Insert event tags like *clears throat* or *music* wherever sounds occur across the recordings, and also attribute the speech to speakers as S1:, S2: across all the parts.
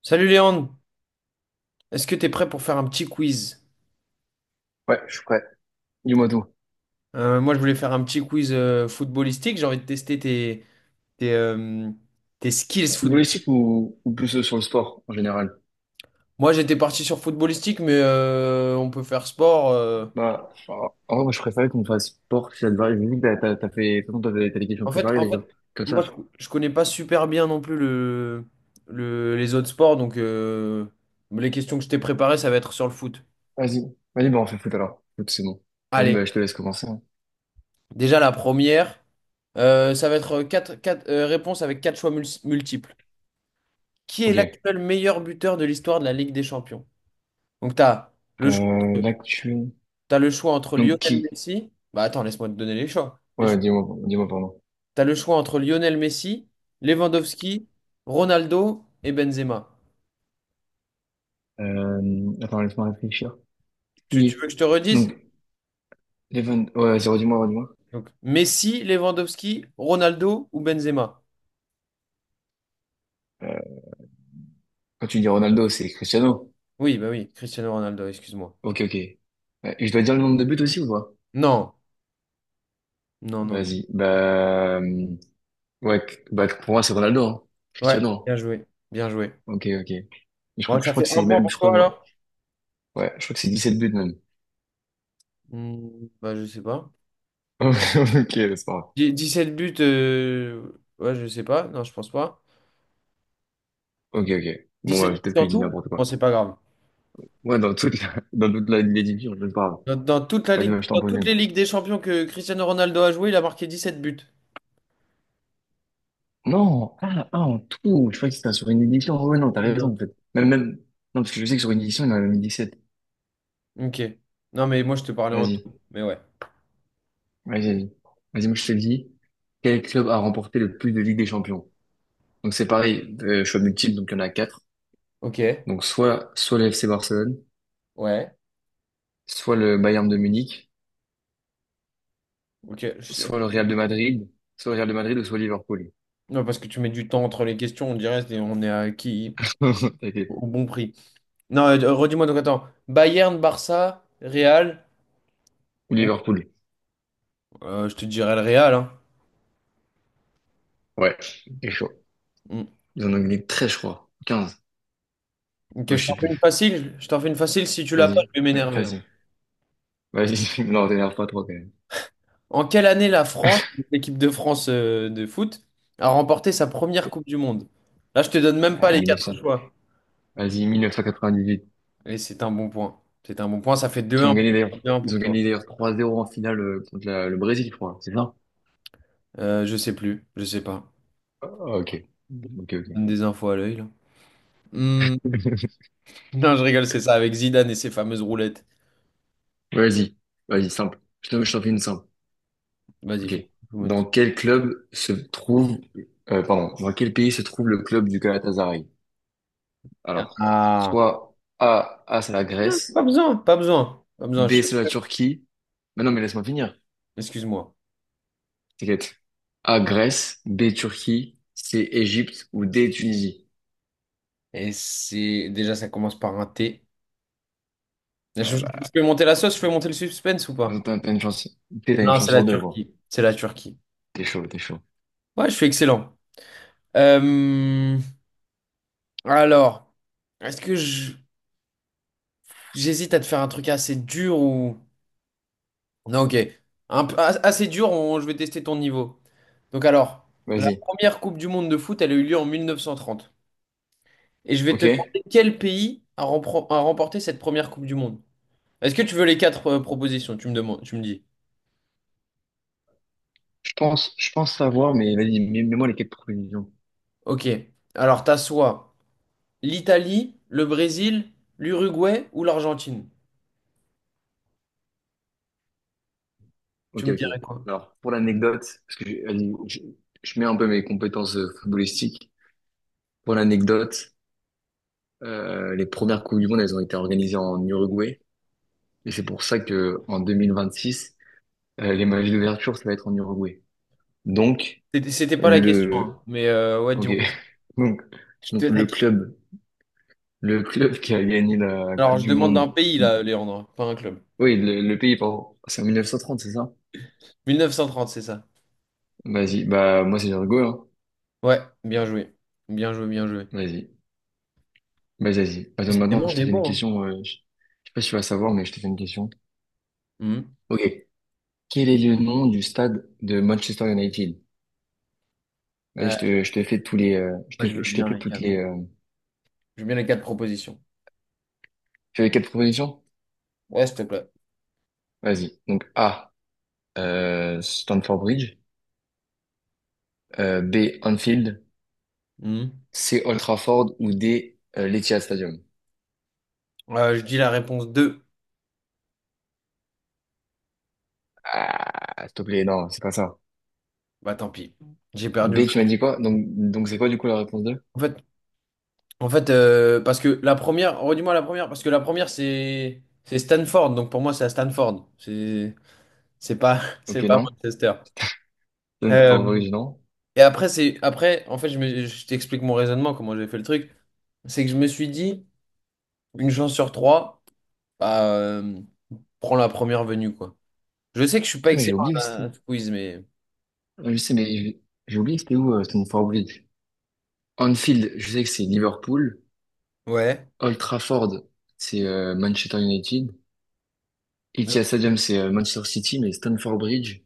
S1: Salut Léandre, est-ce que t'es prêt pour faire un petit quiz?
S2: Ouais, je suis prêt. Dis-moi tout.
S1: Moi je voulais faire un petit quiz footballistique, j'ai envie de tester tes, euh, tes skills football.
S2: Footballistique ou plus sur le sport en général?
S1: Moi j'étais parti sur footballistique mais on peut faire sport.
S2: Bah, en vrai, moi, je préférais qu'on fasse sport si ça te va. Je me dis que t'as fait, de toute façon, t'as des questions
S1: En fait,
S2: préparées,
S1: en
S2: les
S1: fait,
S2: gars. Comme
S1: moi je,
S2: ça.
S1: je connais pas super bien non plus les autres sports donc les questions que je t'ai préparées ça va être sur le foot.
S2: Vas-y. Vas-y, bah, on fait foot alors. Foot, c'est bon. Vas-y, bah,
S1: Allez,
S2: je te laisse commencer, hein.
S1: déjà la première, ça va être quatre, réponses avec quatre choix multiples. Qui est
S2: Ok.
S1: l'actuel meilleur buteur de l'histoire de la Ligue des Champions? Donc, tu as le choix
S2: Euh,
S1: entre,
S2: l'actu.
S1: t'as le choix entre
S2: Donc,
S1: Lionel
S2: qui?
S1: Messi. Bah attends, laisse-moi te donner les choix. Les
S2: Ouais,
S1: choix.
S2: dis-moi, dis-moi, pardon.
S1: Tu le choix entre Lionel Messi, Lewandowski, Ronaldo et Benzema.
S2: Attends, laisse-moi réfléchir.
S1: Tu
S2: Qui?
S1: veux que je te redise?
S2: Donc, Evan. Ouais, vas-y, redis-moi, redis-moi.
S1: Donc, Messi, Lewandowski, Ronaldo ou Benzema?
S2: Euh, quand tu dis Ronaldo, c'est Cristiano.
S1: Oui, bah oui, Cristiano Ronaldo, excuse-moi.
S2: Ok, ok. Et je dois dire le nombre de buts aussi ou pas?
S1: Non, non, non, non.
S2: Vas-y. Bah, ouais, bah, pour moi, c'est Ronaldo, hein.
S1: Ouais, bien
S2: Cristiano,
S1: joué, bien joué.
S2: hein. Ok, ok. Je crois,
S1: Bon,
S2: je
S1: ça
S2: crois
S1: fait
S2: que
S1: un
S2: c'est
S1: point
S2: même,
S1: pour
S2: je crois,
S1: toi
S2: ouais,
S1: alors?
S2: je crois que c'est 17 buts même.
S1: Hmm, bah je sais pas.
S2: *laughs* Ok, c'est pas grave.
S1: 17 buts, ouais, je sais pas. Non, je pense pas.
S2: Ok, ok. Bon, bah,
S1: 17
S2: peut-être
S1: buts
S2: que
S1: en
S2: je dis
S1: tout?
S2: n'importe quoi.
S1: Bon, c'est pas grave.
S2: Ouais, dans toute la, *laughs* dans toute la, les divisions, je ne parle.
S1: Dans toute la
S2: Vas-y,
S1: ligue,
S2: bah, je t'en
S1: dans
S2: pose
S1: toutes
S2: une.
S1: les ligues des champions que Cristiano Ronaldo a joué, il a marqué 17 buts.
S2: Non, ah, ah, en tout, je crois que c'était sur une édition. Ouais, ouais, non, t'as raison,
S1: Énorme.
S2: en fait. Même, même, non, parce que je sais que sur une édition, il y en a mis 17.
S1: Ok. Non, mais moi, je te parlais en
S2: Vas-y,
S1: tout. Mais ouais.
S2: vas-y, vas-y. Vas-y, moi, je te le dis. Quel club a remporté le plus de Ligue des Champions? Donc c'est pareil, choix multiple, donc il y en a quatre.
S1: Ok.
S2: Donc soit le FC Barcelone,
S1: Ouais.
S2: soit le Bayern de Munich,
S1: Ok.
S2: soit le Real de Madrid, soit le Real de Madrid ou soit Liverpool.
S1: Non, parce que tu mets du temps entre les questions, on dirait on est à qui
S2: *laughs* Ok.
S1: au bon prix. Non, redis-moi donc attends. Bayern, Barça, Real.
S2: Ou
S1: Ou
S2: Liverpool.
S1: Je te dirais le Real, hein.
S2: Ouais, c'est chaud.
S1: Mm.
S2: Ils en ont gagné très, je crois, 15.
S1: Ok,
S2: Moi,
S1: je
S2: je
S1: t'en
S2: sais
S1: fais une
S2: plus.
S1: facile. Je t'en fais une facile. Si tu l'as pas,
S2: Vas-y.
S1: je vais
S2: Ouais,
S1: m'énerver, hein.
S2: vas-y. Vas-y. *laughs* Non, t'énerve pas trop quand même.
S1: En quelle année la France, l'équipe de France de foot, a remporté sa première Coupe du Monde? Là, je te donne même pas
S2: Ah,
S1: les quatre
S2: 1900.
S1: choix.
S2: Vas-y, 1998.
S1: Et c'est un bon point. C'est un bon point. Ça fait deux
S2: Qui ont
S1: un
S2: gagné
S1: pour,
S2: d'ailleurs.
S1: deux un
S2: Ils
S1: pour
S2: ont
S1: toi.
S2: gagné d'ailleurs 3-0 en finale contre le Brésil, je crois. C'est ça?
S1: Je sais plus. Je sais pas.
S2: Ah, ok. Ok,
S1: Je donne
S2: ok.
S1: des infos à l'œil, là. Hmm.
S2: *laughs*
S1: Non, je rigole, c'est ça, avec Zidane et ses fameuses roulettes.
S2: Vas-y. Vas-y, simple. Je t'en fais une simple.
S1: Vas-y,
S2: Ok.
S1: fais.
S2: Dans quel club se trouve, pardon, dans quel pays se trouve le club du Galatasaray? Alors,
S1: Ah.
S2: soit A, A c'est la
S1: Non, pas
S2: Grèce,
S1: besoin, pas besoin. Pas besoin.
S2: B c'est la Turquie. Mais non, mais laisse-moi finir.
S1: Excuse-moi.
S2: T'inquiète. A Grèce, B Turquie, C Égypte ou D Tunisie.
S1: Et c'est. Déjà, ça commence par un T. Je
S2: Ah
S1: je peux monter la sauce, je peux monter le suspense ou
S2: bah,
S1: pas?
S2: t'as une chance, t'as une
S1: Non,
S2: chance
S1: c'est la
S2: sur deux, gros.
S1: Turquie. C'est la Turquie.
S2: T'es chaud, t'es chaud.
S1: Ouais, je suis excellent. Euh, alors, est-ce que je- J'hésite à te faire un truc assez dur ou... Non, ok. Assez dur, je vais tester ton niveau. Donc alors, la
S2: Vas-y.
S1: première Coupe du Monde de foot, elle a eu lieu en 1930. Et je vais te
S2: Ok.
S1: demander quel pays a remporté cette première Coupe du Monde. Est-ce que tu veux les quatre propositions? Tu me demandes, tu me dis.
S2: Je pense savoir, mais vas-y, mets-moi les quatre propositions.
S1: Ok. Alors, t'as soit l'Italie, le Brésil, l'Uruguay ou l'Argentine. Tu
S2: Ok,
S1: me
S2: ok.
S1: dirais quoi?
S2: Alors, pour l'anecdote, parce que je- je mets un peu mes compétences footballistiques. Pour l'anecdote, les premières Coupes du Monde, elles ont été organisées en Uruguay. Et c'est pour ça que en 2026, les matchs d'ouverture, ça va être en Uruguay. Donc,
S1: C'était pas la question,
S2: le,
S1: hein. Mais ouais,
S2: ok.
S1: dis-moi.
S2: *laughs* Donc,
S1: Je te
S2: donc
S1: la-
S2: le club qui a gagné la Coupe
S1: Alors, je
S2: du
S1: demande
S2: Monde.
S1: d'un pays, là, Léandre, pas un club.
S2: Oui, le pays, pardon. C'est en 1930, c'est ça?
S1: 1930, c'est ça.
S2: Vas-y. Bah, moi, c'est l'Uruguay, hein.
S1: Ouais, bien joué. Bien joué, bien joué.
S2: Vas-y. Bah, vas-y. Attends, maintenant,
S1: Décidément, on
S2: je te
S1: est
S2: fais une
S1: bon,
S2: question. Je sais pas si tu vas savoir, mais je te fais une question.
S1: hein. Mhm.
S2: Ok. Quel est le nom du stade de Manchester United? Vas-y,
S1: Euh,
S2: je te fais tous les,
S1: Moi, je veux
S2: je te
S1: bien
S2: fais
S1: les
S2: toutes
S1: quatre.
S2: les,
S1: Je veux bien les quatre propositions.
S2: tu veux quatre propositions?
S1: Ouais, s'il te plaît.
S2: Vas-y. Donc, A, Stamford Bridge, B, Anfield,
S1: Mhm.
S2: C, Old Trafford ou D, l'Etihad Stadium.
S1: Je dis la réponse deux.
S2: Ah, s'il te plaît, non, c'est pas ça.
S1: Bah, tant pis. J'ai perdu.
S2: B, tu m'as dit quoi? Donc c'est quoi du coup la réponse deux.
S1: En fait, en fait, parce que la première, redis-moi la première, parce que la première, c'est Stanford. Donc, pour moi, c'est à Stanford. C'est pas, *laughs*
S2: Ok,
S1: c'est pas
S2: non.
S1: Manchester.
S2: Stamford
S1: Euh,
S2: Bridge, non.
S1: Et après, c'est après, en fait, je t'explique mon raisonnement, comment j'ai fait le truc. C'est que je me suis dit, une chance sur trois, bah, prends la première venue, quoi. Je sais que je suis pas
S2: Putain, mais j'ai
S1: excellent
S2: oublié
S1: à,
S2: que c'était.
S1: à ce quiz, mais.
S2: Je sais, mais j'ai oublié que c'était où, Stamford Bridge. Anfield, je sais que c'est Liverpool.
S1: Ouais.
S2: Old Trafford, c'est Manchester United.
S1: Non.
S2: Etihad Stadium, c'est Manchester City, mais Stamford Bridge,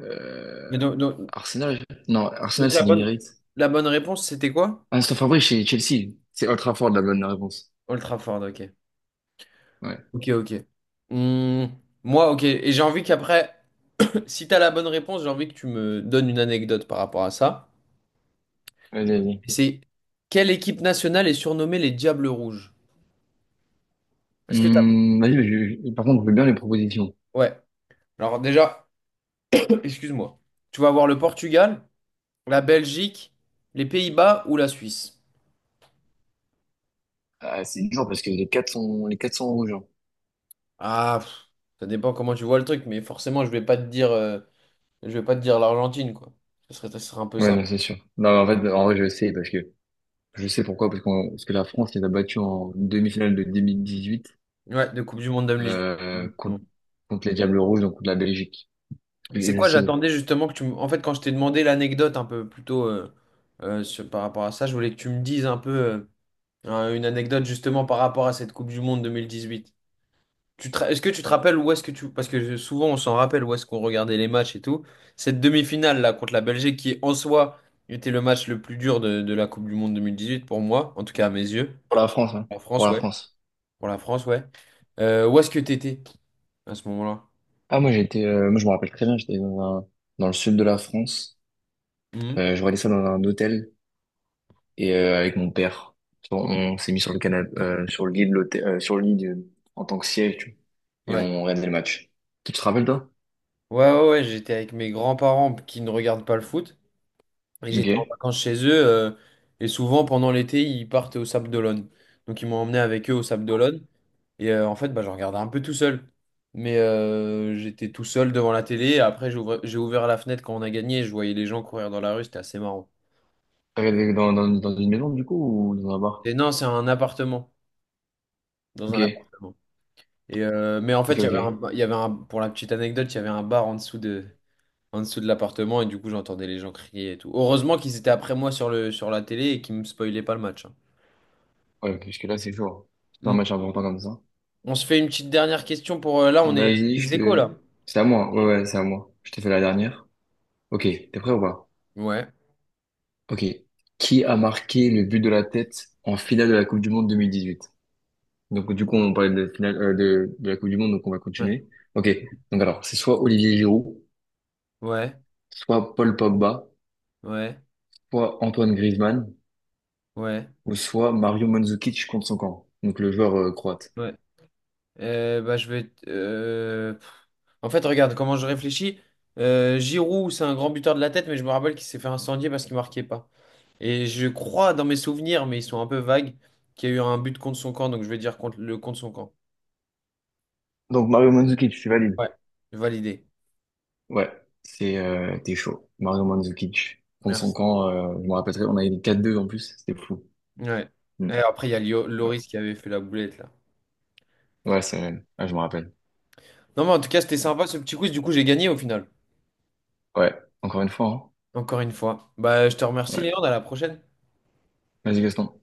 S2: euh,
S1: Mais donc, donc-
S2: Arsenal. Non, Arsenal,
S1: donc la
S2: c'est
S1: bonne...
S2: l'Emirates.
S1: la bonne réponse, c'était quoi?
S2: Ah, Stamford Bridge, c'est Chelsea. C'est Old Trafford, la bonne réponse.
S1: Ultraford, ok.
S2: Ouais.
S1: Ok, ok. Hmm, moi, ok. Et j'ai envie qu'après, *clears throat* *laughs* si t'as la bonne réponse, j'ai envie que tu me donnes une anecdote par rapport à ça.
S2: Vas-y, vas-y.
S1: C'est quelle équipe nationale est surnommée les Diables Rouges? Est-ce que t'as...
S2: Vas-y, mais par contre, je veux bien les propositions.
S1: Ouais. Alors déjà. Excuse-moi. Tu vas avoir le Portugal, la Belgique, les Pays-Bas ou la Suisse.
S2: Ah, c'est dur parce que les quatre sont rouges, hein.
S1: Ah, pff, ça dépend comment tu vois le truc, mais forcément, je vais pas te dire l'Argentine, quoi. Ce serait un peu
S2: Ouais,
S1: ça.
S2: non, c'est sûr. Non, mais en fait, en vrai, je sais parce que je sais pourquoi parce parce que la France les a battus en demi-finale de 2018
S1: Ouais, de Coupe du Monde
S2: euh,
S1: 2018. Bon.
S2: contre, contre les Diables Rouges, donc contre la Belgique.
S1: Tu
S2: Et
S1: sais
S2: je
S1: quoi,
S2: sais,
S1: j'attendais justement que tu me... En fait, quand je t'ai demandé l'anecdote un peu plutôt par rapport à ça, je voulais que tu me dises un peu une anecdote justement par rapport à cette Coupe du Monde 2018. Est-ce que tu te rappelles où est-ce que tu... Parce que souvent on s'en rappelle où est-ce qu'on regardait les matchs et tout. Cette demi-finale là contre la Belgique qui en soi était le match le plus dur de la Coupe du Monde 2018 pour moi, en tout cas à mes yeux.
S2: pour la France, hein,
S1: En
S2: pour
S1: France,
S2: la
S1: ouais.
S2: France.
S1: Pour la France, ouais. Où est-ce que t'étais à ce moment-là?
S2: Ah, moi, j'étais, moi, je me rappelle très bien, j'étais dans le sud de la France.
S1: Mhm.
S2: Je regardais ça dans un hôtel et avec mon père. On,
S1: Ok.
S2: on s'est mis sur le canapé, sur le lit de l'hôtel, sur le lit de- en tant que siège, tu vois, et
S1: Ouais.
S2: on regardait le match. Tu te rappelles, toi?
S1: Ouais, ouais, ouais, j'étais avec mes grands-parents qui ne regardent pas le foot. Et j'étais en
S2: Ok.
S1: vacances chez eux. Et souvent pendant l'été, ils partent au Sable d'Olonne. Donc ils m'ont emmené avec eux au Sable d'Olonne. Et en fait, bah, je regardais un peu tout seul. Mais j'étais tout seul devant la télé. Après, j'ai ouvert la fenêtre quand on a gagné. Je voyais les gens courir dans la rue. C'était assez marrant.
S2: T'as regardé dans une maison, du coup, ou dans un bar?
S1: Et non, c'est un appartement. Dans un
S2: Ok.
S1: appartement. Et mais en fait,
S2: Ok,
S1: il y avait
S2: ok.
S1: un, il y avait un, pour la petite anecdote, il y avait un bar en dessous de, l'appartement. Et du coup, j'entendais les gens crier et tout. Heureusement qu'ils étaient après moi sur la télé et qu'ils me spoilaient pas le match, hein.
S2: Ouais, parce que là, c'est chaud, hein. C'est un
S1: Mm.
S2: match important comme ça.
S1: On se fait une petite dernière question pour, là, on est
S2: Vas-y, je
S1: ex aequo, là.
S2: te... C'est à moi. Ouais, ouais, c'est à moi. Je te fais la dernière. Ok, t'es prêt ou pas?
S1: Ouais.
S2: Ok. Qui a marqué le but de la tête en finale de la Coupe du Monde 2018? Donc, du coup, on parlait de finale, de la Coupe du Monde, donc on va
S1: Ouais.
S2: continuer. Ok. Donc, alors, c'est soit Olivier Giroud,
S1: Ouais.
S2: soit Paul Pogba,
S1: Ouais.
S2: soit Antoine Griezmann,
S1: Ouais.
S2: ou soit Mario Mandzukic contre son camp. Donc, le joueur croate.
S1: Ouais. Bah, En fait, regarde comment je réfléchis. Giroud, c'est un grand buteur de la tête, mais je me rappelle qu'il s'est fait incendier parce qu'il marquait pas. Et je crois dans mes souvenirs, mais ils sont un peu vagues, qu'il y a eu un but contre son camp, donc je vais dire contre son camp.
S2: Donc, Mario Mandzukic, c'est valide.
S1: Ouais. Validé.
S2: Ouais, c'est t'es chaud. Mario Mandzukic contre son
S1: Merci.
S2: camp, je me rappellerai, on a eu 4-2 en plus, c'était fou.
S1: Ouais.
S2: Mm.
S1: Et après, il y a Lio-
S2: Ouais,
S1: Loris qui avait fait la boulette là.
S2: ouais c'est... Ah, je me rappelle.
S1: Non, mais en tout cas, c'était sympa ce petit quiz. Du coup, j'ai gagné au final.
S2: Ouais, encore une fois, hein.
S1: Encore une fois. Bah, je te remercie,
S2: Ouais.
S1: Léon. À la prochaine.
S2: Vas-y, Gaston.